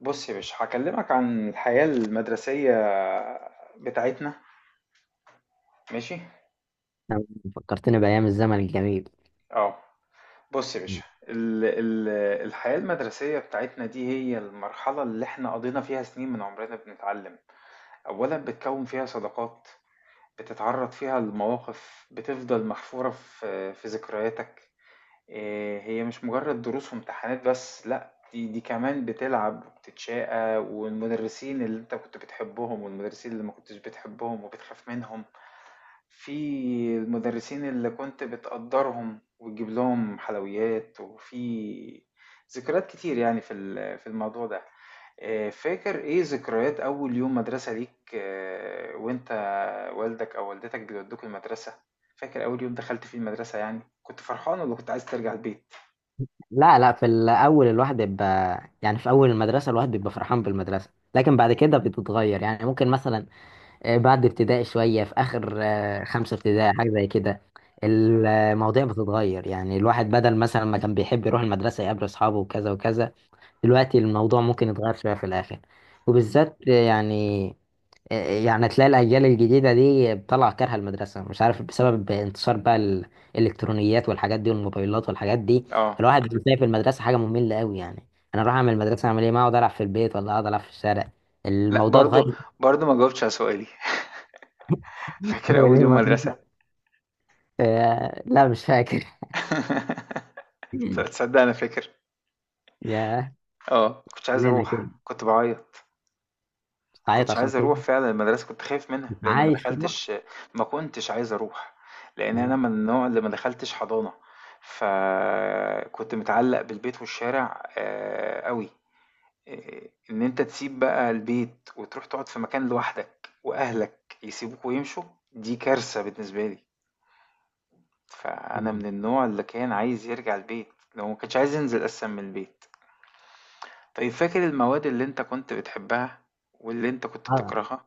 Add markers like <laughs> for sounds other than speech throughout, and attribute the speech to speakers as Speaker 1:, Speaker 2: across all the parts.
Speaker 1: بص يا باشا، هكلمك عن الحياة المدرسية بتاعتنا. ماشي.
Speaker 2: نعم، فكرتني بأيام الزمن الجميل.
Speaker 1: اه. بص يا باشا،
Speaker 2: م.
Speaker 1: ال ال الحياة المدرسية بتاعتنا دي هي المرحلة اللي احنا قضينا فيها سنين من عمرنا بنتعلم. اولا بتكون فيها صداقات، بتتعرض فيها لمواقف بتفضل محفورة في ذكرياتك. إيه، هي مش مجرد دروس وامتحانات بس، لا، دي كمان بتلعب وبتتشاقى والمدرسين اللي انت كنت بتحبهم والمدرسين اللي ما كنتش بتحبهم وبتخاف منهم. في المدرسين اللي كنت بتقدرهم وتجيب لهم حلويات، وفي ذكريات كتير يعني في الموضوع ده. فاكر ايه ذكريات اول يوم مدرسة ليك؟ وانت والدك او والدتك بيودوك المدرسة، فاكر اول يوم دخلت فيه المدرسة؟ يعني كنت فرحان ولا كنت عايز ترجع البيت؟
Speaker 2: لا لا، في الأول الواحد بيبقى يعني في أول المدرسة الواحد بيبقى فرحان بالمدرسة. لكن بعد كده بتتغير، يعني ممكن مثلا بعد ابتدائي شوية في آخر خمسة ابتدائي حاجة زي كده. المواضيع بتتغير، يعني الواحد بدل مثلا ما كان بيحب يروح المدرسة يقابل أصحابه وكذا وكذا. دلوقتي الموضوع ممكن يتغير شوية في الآخر، وبالذات آه، يعني تلاقي الأجيال الجديدة دي بتطلع كارهة المدرسة، مش عارف بسبب انتشار بقى الإلكترونيات والحاجات دي والموبايلات والحاجات دي.
Speaker 1: اه.
Speaker 2: الواحد بيلاقي في المدرسة حاجة مملة قوي، يعني أنا أروح أعمل المدرسة أعمل إيه؟ ما أقعد ألعب في البيت ولا أقعد ألعب في الشارع،
Speaker 1: لا،
Speaker 2: الموضوع
Speaker 1: برضو
Speaker 2: اتغير.
Speaker 1: برضو ما جاوبتش على سؤالي. <laughs> فاكر اول يوم مدرسة؟
Speaker 2: <laughs> آه، لا مش فاكر.
Speaker 1: <laughs>
Speaker 2: <laughs>
Speaker 1: تصدق انا فاكر.
Speaker 2: يا
Speaker 1: اه كنتش عايز
Speaker 2: لنا كده،
Speaker 1: اروح، كنت بعيط. ما
Speaker 2: تعيط
Speaker 1: كنتش
Speaker 2: عشان
Speaker 1: عايز
Speaker 2: تروح؟
Speaker 1: أروح فعلًا المدرسة، كنت خايف منها،
Speaker 2: مش
Speaker 1: لإن ما
Speaker 2: عايز تروح.
Speaker 1: دخلتش. ما كنتش عايز أروح، لإن أنا
Speaker 2: آه،
Speaker 1: من النوع اللي ما دخلتش حضانة، فكنت متعلق بالبيت والشارع أوي، إن أنت تسيب بقى البيت وتروح تقعد في مكان لوحدك وأهلك يسيبوك ويمشوا، دي كارثة بالنسبة لي. فأنا من النوع اللي كان عايز يرجع البيت، اللي هو ما كانش عايز ينزل أساسًا من البيت. طيب فاكر المواد اللي أنت كنت بتحبها واللي أنت كنت بتكرهها؟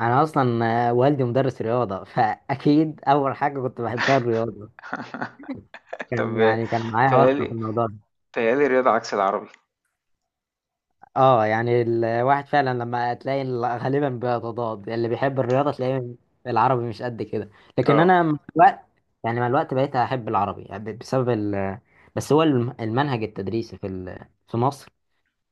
Speaker 2: انا اصلا والدي مدرس رياضه، فاكيد اول حاجه كنت بحبها الرياضه.
Speaker 1: <laughs> طب
Speaker 2: كان معايا
Speaker 1: بيتهيأ
Speaker 2: واسطه في
Speaker 1: لي،
Speaker 2: الموضوع ده.
Speaker 1: تهيألي رياضة عكس العربي.
Speaker 2: اه، يعني الواحد فعلا لما تلاقي غالبا بيتضاد، اللي بيحب الرياضه تلاقيه العربي مش قد كده. لكن
Speaker 1: اه.
Speaker 2: انا مع الوقت، بقيت احب العربي يعني بسبب بس هو المنهج التدريسي في مصر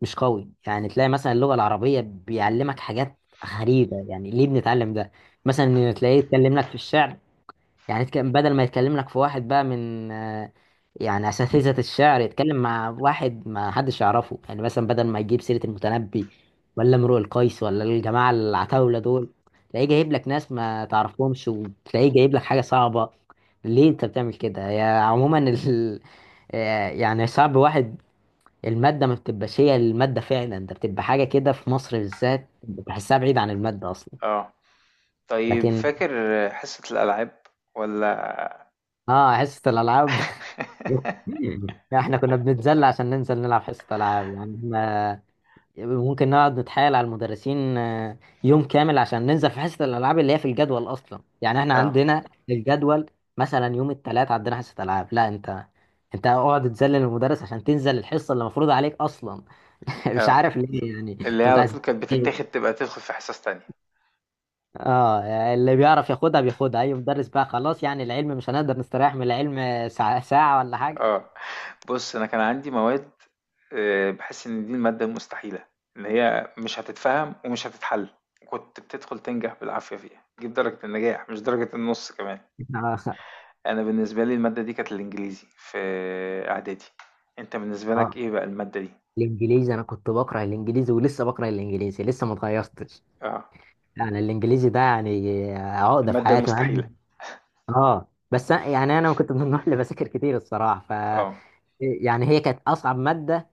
Speaker 2: مش قوي، يعني تلاقي مثلا اللغة العربية بيعلمك حاجات غريبة، يعني ليه بنتعلم ده؟ مثلا تلاقيه يتكلم لك في الشعر، يعني بدل ما يتكلم لك في واحد بقى من يعني أساتذة الشعر، يتكلم مع واحد ما حدش يعرفه، يعني مثلا بدل ما يجيب سيرة المتنبي ولا امرؤ القيس ولا الجماعة العتاولة دول، تلاقيه جايب لك ناس ما تعرفهمش، وتلاقيه جايب لك حاجة صعبة. ليه انت بتعمل كده يا عموما <laughs> يعني صعب واحد. المادة ما بتبقاش هي المادة فعلا، ده بتبقى حاجة كده في مصر بالذات بحسها بعيد عن المادة أصلا.
Speaker 1: اه. طيب،
Speaker 2: لكن
Speaker 1: فاكر حصة الألعاب ولا؟
Speaker 2: اه، حصة الألعاب.
Speaker 1: <laughs>
Speaker 2: <laughs> احنا كنا بنتذل عشان ننزل نلعب حصة ألعاب، يعني احنا ممكن نقعد نتحايل على المدرسين يوم كامل عشان ننزل في حصة الألعاب اللي هي في الجدول أصلا. يعني احنا
Speaker 1: اه.
Speaker 2: عندنا الجدول، مثلا يوم الثلاث عندنا حصة ألعاب، لا انت، انت اقعد تذلل المدرس عشان تنزل الحصة اللي مفروض عليك أصلا. <laughs> مش
Speaker 1: اه،
Speaker 2: عارف ليه، يعني
Speaker 1: اللي هي
Speaker 2: انتوا
Speaker 1: على
Speaker 2: بتعزز.
Speaker 1: طول كانت بتتاخد، تبقى تدخل في حصص تانية.
Speaker 2: اه، يعني اللي بيعرف ياخدها بياخدها، اي مدرس بقى خلاص، يعني العلم مش هنقدر نستريح من العلم ساعة, ساعة ولا حاجة.
Speaker 1: اه. بص، أنا كان عندي مواد بحس إن دي المادة المستحيلة، اللي هي مش هتتفهم ومش هتتحل، كنت بتدخل تنجح بالعافية فيها، تجيب درجة النجاح مش درجة النص كمان.
Speaker 2: <laughs> اه،
Speaker 1: أنا بالنسبة لي المادة دي كانت الإنجليزي في إعدادي. أنت بالنسبة
Speaker 2: آه،
Speaker 1: لك إيه بقى المادة دي؟
Speaker 2: الانجليزي انا كنت بكره الانجليزي ولسه بكره الانجليزي، لسه ما اتغيرتش.
Speaker 1: اه،
Speaker 2: يعني الانجليزي ده يعني عقده في
Speaker 1: المادة
Speaker 2: حياتي، مع
Speaker 1: المستحيلة.
Speaker 2: اه، بس يعني انا كنت من النوع اللي بذاكر كتير الصراحه، ف
Speaker 1: اه.
Speaker 2: يعني هي كانت اصعب ماده،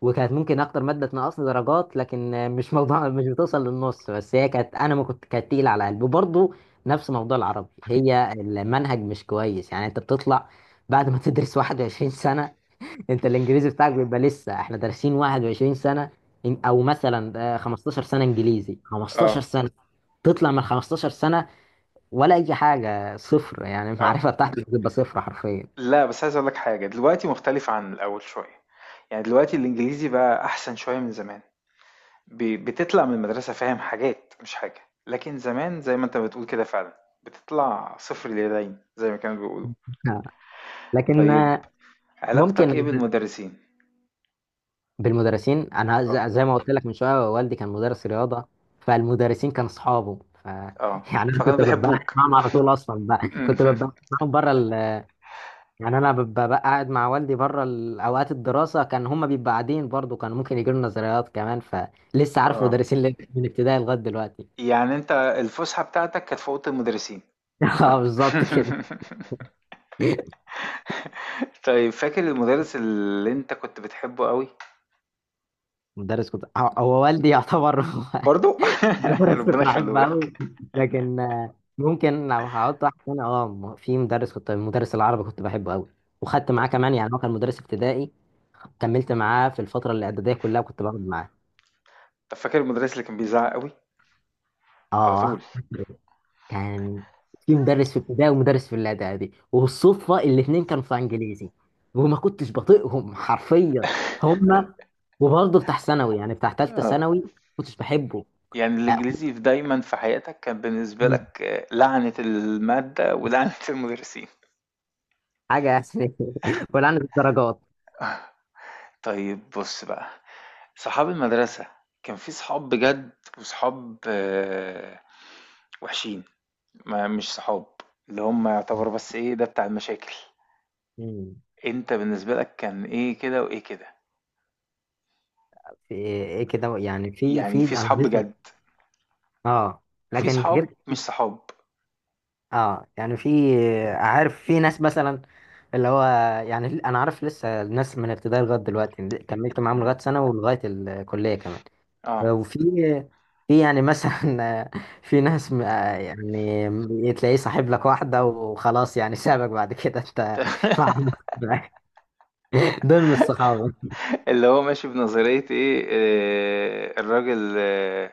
Speaker 2: وكانت ممكن اكتر ماده تنقصني درجات، لكن مش موضوع. <laughs> مش بتوصل للنص، بس هي كانت، انا ما كنت كانت تقيله على قلبي، وبرضه نفس موضوع العربي، هي المنهج مش كويس. يعني انت بتطلع بعد ما تدرس 21 سنه، انت الانجليزي بتاعك بيبقى لسه، احنا دارسين 21 سنه. او مثلا 15 سنه انجليزي، 15
Speaker 1: اه.
Speaker 2: سنه، تطلع من 15 سنه ولا اي حاجه صفر. يعني
Speaker 1: اه.
Speaker 2: المعرفه بتاعتك بتبقى صفر حرفيا.
Speaker 1: لا، بس عايز اقول لك حاجه، دلوقتي مختلف عن الاول شويه، يعني دلوقتي الانجليزي بقى احسن شويه من زمان. بتطلع من المدرسه فاهم حاجات، مش حاجه، لكن زمان زي ما انت بتقول كده فعلا بتطلع صفر اليدين زي ما كانوا بيقولوا.
Speaker 2: <laughs> لكن
Speaker 1: طيب،
Speaker 2: ممكن.
Speaker 1: علاقتك ايه بالمدرسين؟
Speaker 2: بالمدرسين انا
Speaker 1: اه.
Speaker 2: زي ما قلت لك من شويه، والدي كان مدرس رياضه، فالمدرسين كانوا اصحابه، ف
Speaker 1: اه،
Speaker 2: <laughs> يعني انا
Speaker 1: فكانوا
Speaker 2: كنت ببقى قاعد
Speaker 1: بيحبوك.
Speaker 2: معاهم على طول، اصلا بقى كنت ببقى
Speaker 1: <laughs>
Speaker 2: معاهم بره يعني انا ببقى بقى قاعد مع والدي بره اوقات الدراسه، كان هم بيبقوا قاعدين برضه، كانوا ممكن يجوا لنا زيارات كمان، فلسه عارف
Speaker 1: اه،
Speaker 2: مدرسين من ابتدائي لغايه دلوقتي.
Speaker 1: يعني انت الفسحه بتاعتك كانت في اوضه المدرسين؟
Speaker 2: <laughs> اه، بالظبط
Speaker 1: <laughs>
Speaker 2: كده.
Speaker 1: طيب فاكر المدرس اللي انت كنت بتحبه قوي؟
Speaker 2: مدرس كنت هو هو والدي يعتبر.
Speaker 1: برضو.
Speaker 2: <laughs>
Speaker 1: <laughs>
Speaker 2: بس
Speaker 1: ربنا
Speaker 2: كنت
Speaker 1: يخليه
Speaker 2: بحبه
Speaker 1: لك.
Speaker 2: قوي. لكن ممكن لو هقعد واحد تاني، اه في مدرس كنت، مدرس العربي كنت بحبه قوي، وخدت معاه
Speaker 1: طب.
Speaker 2: كمان، يعني هو كان مدرس ابتدائي، كملت معاه في الفتره الاعداديه كلها وكنت بقعد معاه.
Speaker 1: طب فاكر المدرس اللي كان بيزعق قوي على طول؟
Speaker 2: اه، كان في مدرس في ابتدائي ومدرس في الاعدادي، والصدفه الاثنين كانوا في انجليزي، وما كنتش بطيقهم حرفيا هما، وبرضه بتاع ثانوي، يعني بتاع ثالثه
Speaker 1: اه.
Speaker 2: ثانوي ما كنتش بحبه.
Speaker 1: يعني
Speaker 2: آه، كنت-
Speaker 1: الانجليزي في دايما في حياتك كان بالنسبه لك لعنه الماده ولعنه <laughs> المدرسين.
Speaker 2: حاجه. <laughs> يعني ولا عن الدرجات.
Speaker 1: طيب بص بقى، صحاب المدرسه كان في صحاب بجد وصحاب وحشين، ما مش صحاب، اللي هم يعتبروا بس ايه ده بتاع المشاكل.
Speaker 2: مم.
Speaker 1: انت بالنسبه لك كان ايه كده وايه كده؟
Speaker 2: في ايه كده، يعني في
Speaker 1: يعني
Speaker 2: في
Speaker 1: في
Speaker 2: انا
Speaker 1: صحاب
Speaker 2: لسه،
Speaker 1: بجد
Speaker 2: اه،
Speaker 1: وفي
Speaker 2: لكن <laughs>
Speaker 1: صحاب
Speaker 2: غير.
Speaker 1: مش صحاب.
Speaker 2: اه، يعني عارف في ناس مثلا، اللي هو، يعني انا عارف لسه ناس من ابتدائي لغايه دلوقتي، كملت معاهم
Speaker 1: م.
Speaker 2: لغايه سنه ولغايه الكليه كمان.
Speaker 1: اه.
Speaker 2: وفي يعني مثلا <laughs> في ناس يعني تلاقيه صاحب لك واحده وخلاص، يعني سابك بعد كده انت <laughs> مع
Speaker 1: <laughs>
Speaker 2: نفسك بقى. دول مش صحابه.
Speaker 1: اللي هو ماشي بنظرية ايه، الراجل آه،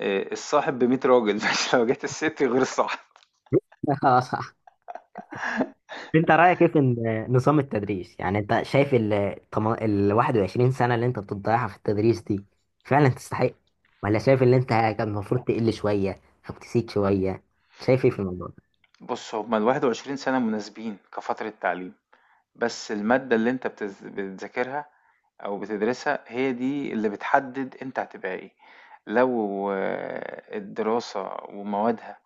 Speaker 1: آه، الصاحب بـ100 راجل <laughs> مش لو جت الست غير الصاحب.
Speaker 2: <laughs> اه، انت رايك ايه في نظام التدريس؟ يعني انت شايف ال 21 سنه اللي انت بتضيعها في التدريس دي فعلا تستحق؟ ولا شايف ان انت كان المفروض تقل شويه او تسيب شويه؟ شايف ايه في الموضوع ده؟
Speaker 1: بص، هما الـ21 سنة مناسبين كفترة تعليم، بس المادة اللي انت بتذاكرها او بتدرسها هي دي اللي بتحدد انت هتبقى ايه. لو الدراسة وموادها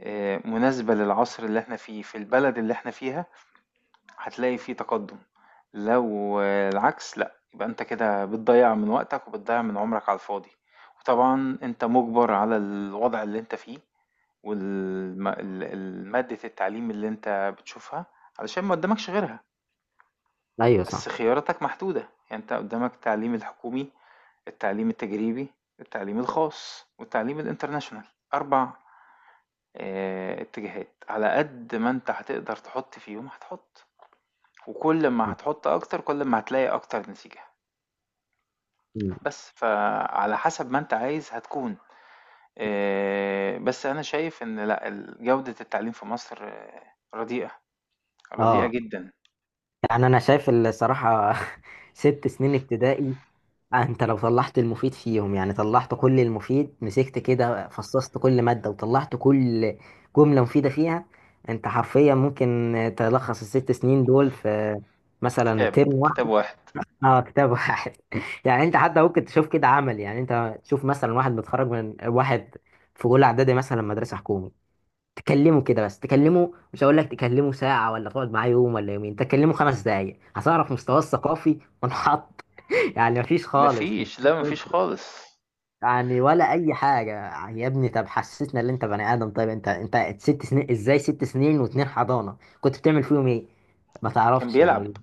Speaker 1: مناسبة للعصر اللي احنا فيه في البلد اللي احنا فيها، هتلاقي في تقدم. لو العكس لأ، يبقى انت كده بتضيع من وقتك وبتضيع من عمرك على الفاضي. وطبعا انت مجبر على الوضع اللي انت فيه والمادة التعليم اللي انت بتشوفها علشان ما قدامكش غيرها.
Speaker 2: ايوه
Speaker 1: بس
Speaker 2: صح.
Speaker 1: خياراتك محدودة، يعني انت قدامك التعليم الحكومي، التعليم التجريبي، التعليم الخاص، والتعليم الانترناشونال. أربع اتجاهات على قد ما انت هتقدر تحط فيهم هتحط، وكل ما
Speaker 2: صح.
Speaker 1: هتحط أكتر كل ما هتلاقي أكتر نتيجة.
Speaker 2: مم.
Speaker 1: بس فعلى حسب ما أنت عايز هتكون. بس أنا شايف إن لأ جودة التعليم في مصر رديئة، رديئة
Speaker 2: اه،
Speaker 1: جدا.
Speaker 2: يعني انا شايف الصراحه. <laughs> ست سنين ابتدائي، انت لو طلعت المفيد فيهم، يعني طلعت كل المفيد، مسكت كده فصصت كل مادة وطلعت كل جملة مفيدة فيها، انت حرفيا ممكن تلخص الست سنين دول في مثلا
Speaker 1: كتاب.
Speaker 2: ترم
Speaker 1: كتاب
Speaker 2: واحد.
Speaker 1: واحد.
Speaker 2: اه، كتاب واحد. <laughs> يعني انت حتى ممكن تشوف كده عمل، يعني انت تشوف مثلا واحد متخرج، من واحد في اولى اعدادي مثلا مدرسة حكومي، تكلمه كده، بس تكلمه مش هقول لك تكلمه ساعة ولا تقعد معاه يوم ولا يومين، تكلمه خمس دقايق هتعرف مستواه الثقافي منحط. <laughs> يعني مفيش خالص،
Speaker 1: مفيش.
Speaker 2: مستوى
Speaker 1: لا مفيش
Speaker 2: صفر،
Speaker 1: خالص.
Speaker 2: يعني ولا اي حاجه. يا ابني طب حسسنا ان انت بني ادم، طيب انت ست سنين، ازاي ست سنين واتنين حضانه كنت بتعمل فيهم ايه؟ ما
Speaker 1: كان
Speaker 2: تعرفش
Speaker 1: بيلعب.
Speaker 2: يعني.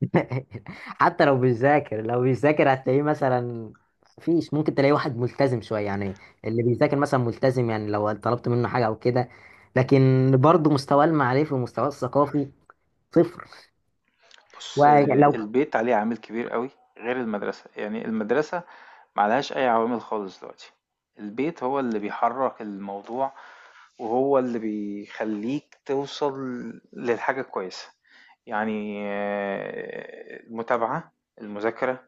Speaker 2: <laughs> حتى لو بيذاكر، هتلاقيه مثلا فيش ممكن تلاقي واحد ملتزم شويه، يعني اللي بيذاكر مثلا ملتزم، يعني لو طلبت منه حاجه او كده، لكن برضه مستواه المعرفي ومستواه الثقافي صفر.
Speaker 1: بُص،
Speaker 2: ولو.
Speaker 1: البيت عليه عامل كبير أوي، غير المدرسة. يعني المدرسة ما عليهاش أي عوامل خالص دلوقتي، البيت هو اللي بيحرّك الموضوع وهو اللي بيخلّيك توصل للحاجة الكويسة. يعني المتابعة، المذاكرة،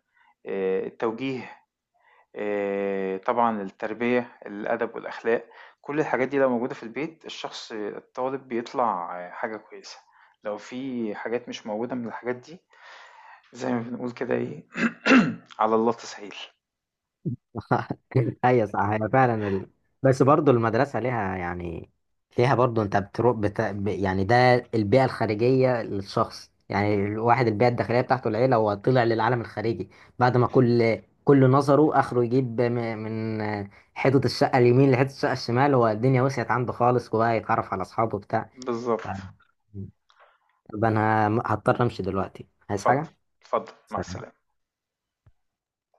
Speaker 1: التوجيه، طبعًا التربية، الأدب والأخلاق، كل الحاجات دي لو موجودة في البيت الشخص الطالب بيطلع حاجة كويسة. لو في حاجات مش موجودة من الحاجات دي، زي ما بنقول كده إيه <clears throat> على الله تسهيل.
Speaker 2: <laughs> ايوه صح، هي فعلا بس برضو المدرسه ليها يعني، ليها برضو. انت بتروح يعني ده البيئه الخارجيه للشخص، يعني الواحد البيئه الداخليه بتاعته العيله، هو طلع للعالم الخارجي بعد ما كل نظره اخره، يجيب من حيطه الشقه اليمين لحيطه الشقه الشمال، هو الدنيا وسعت عنده خالص وبقى يتعرف على اصحابه بتاع،
Speaker 1: بالضبط.
Speaker 2: ف... طب انا هضطر امشي دلوقتي، عايز
Speaker 1: اتفضل،
Speaker 2: حاجه.
Speaker 1: اتفضل، مع السلامة.
Speaker 2: سلام.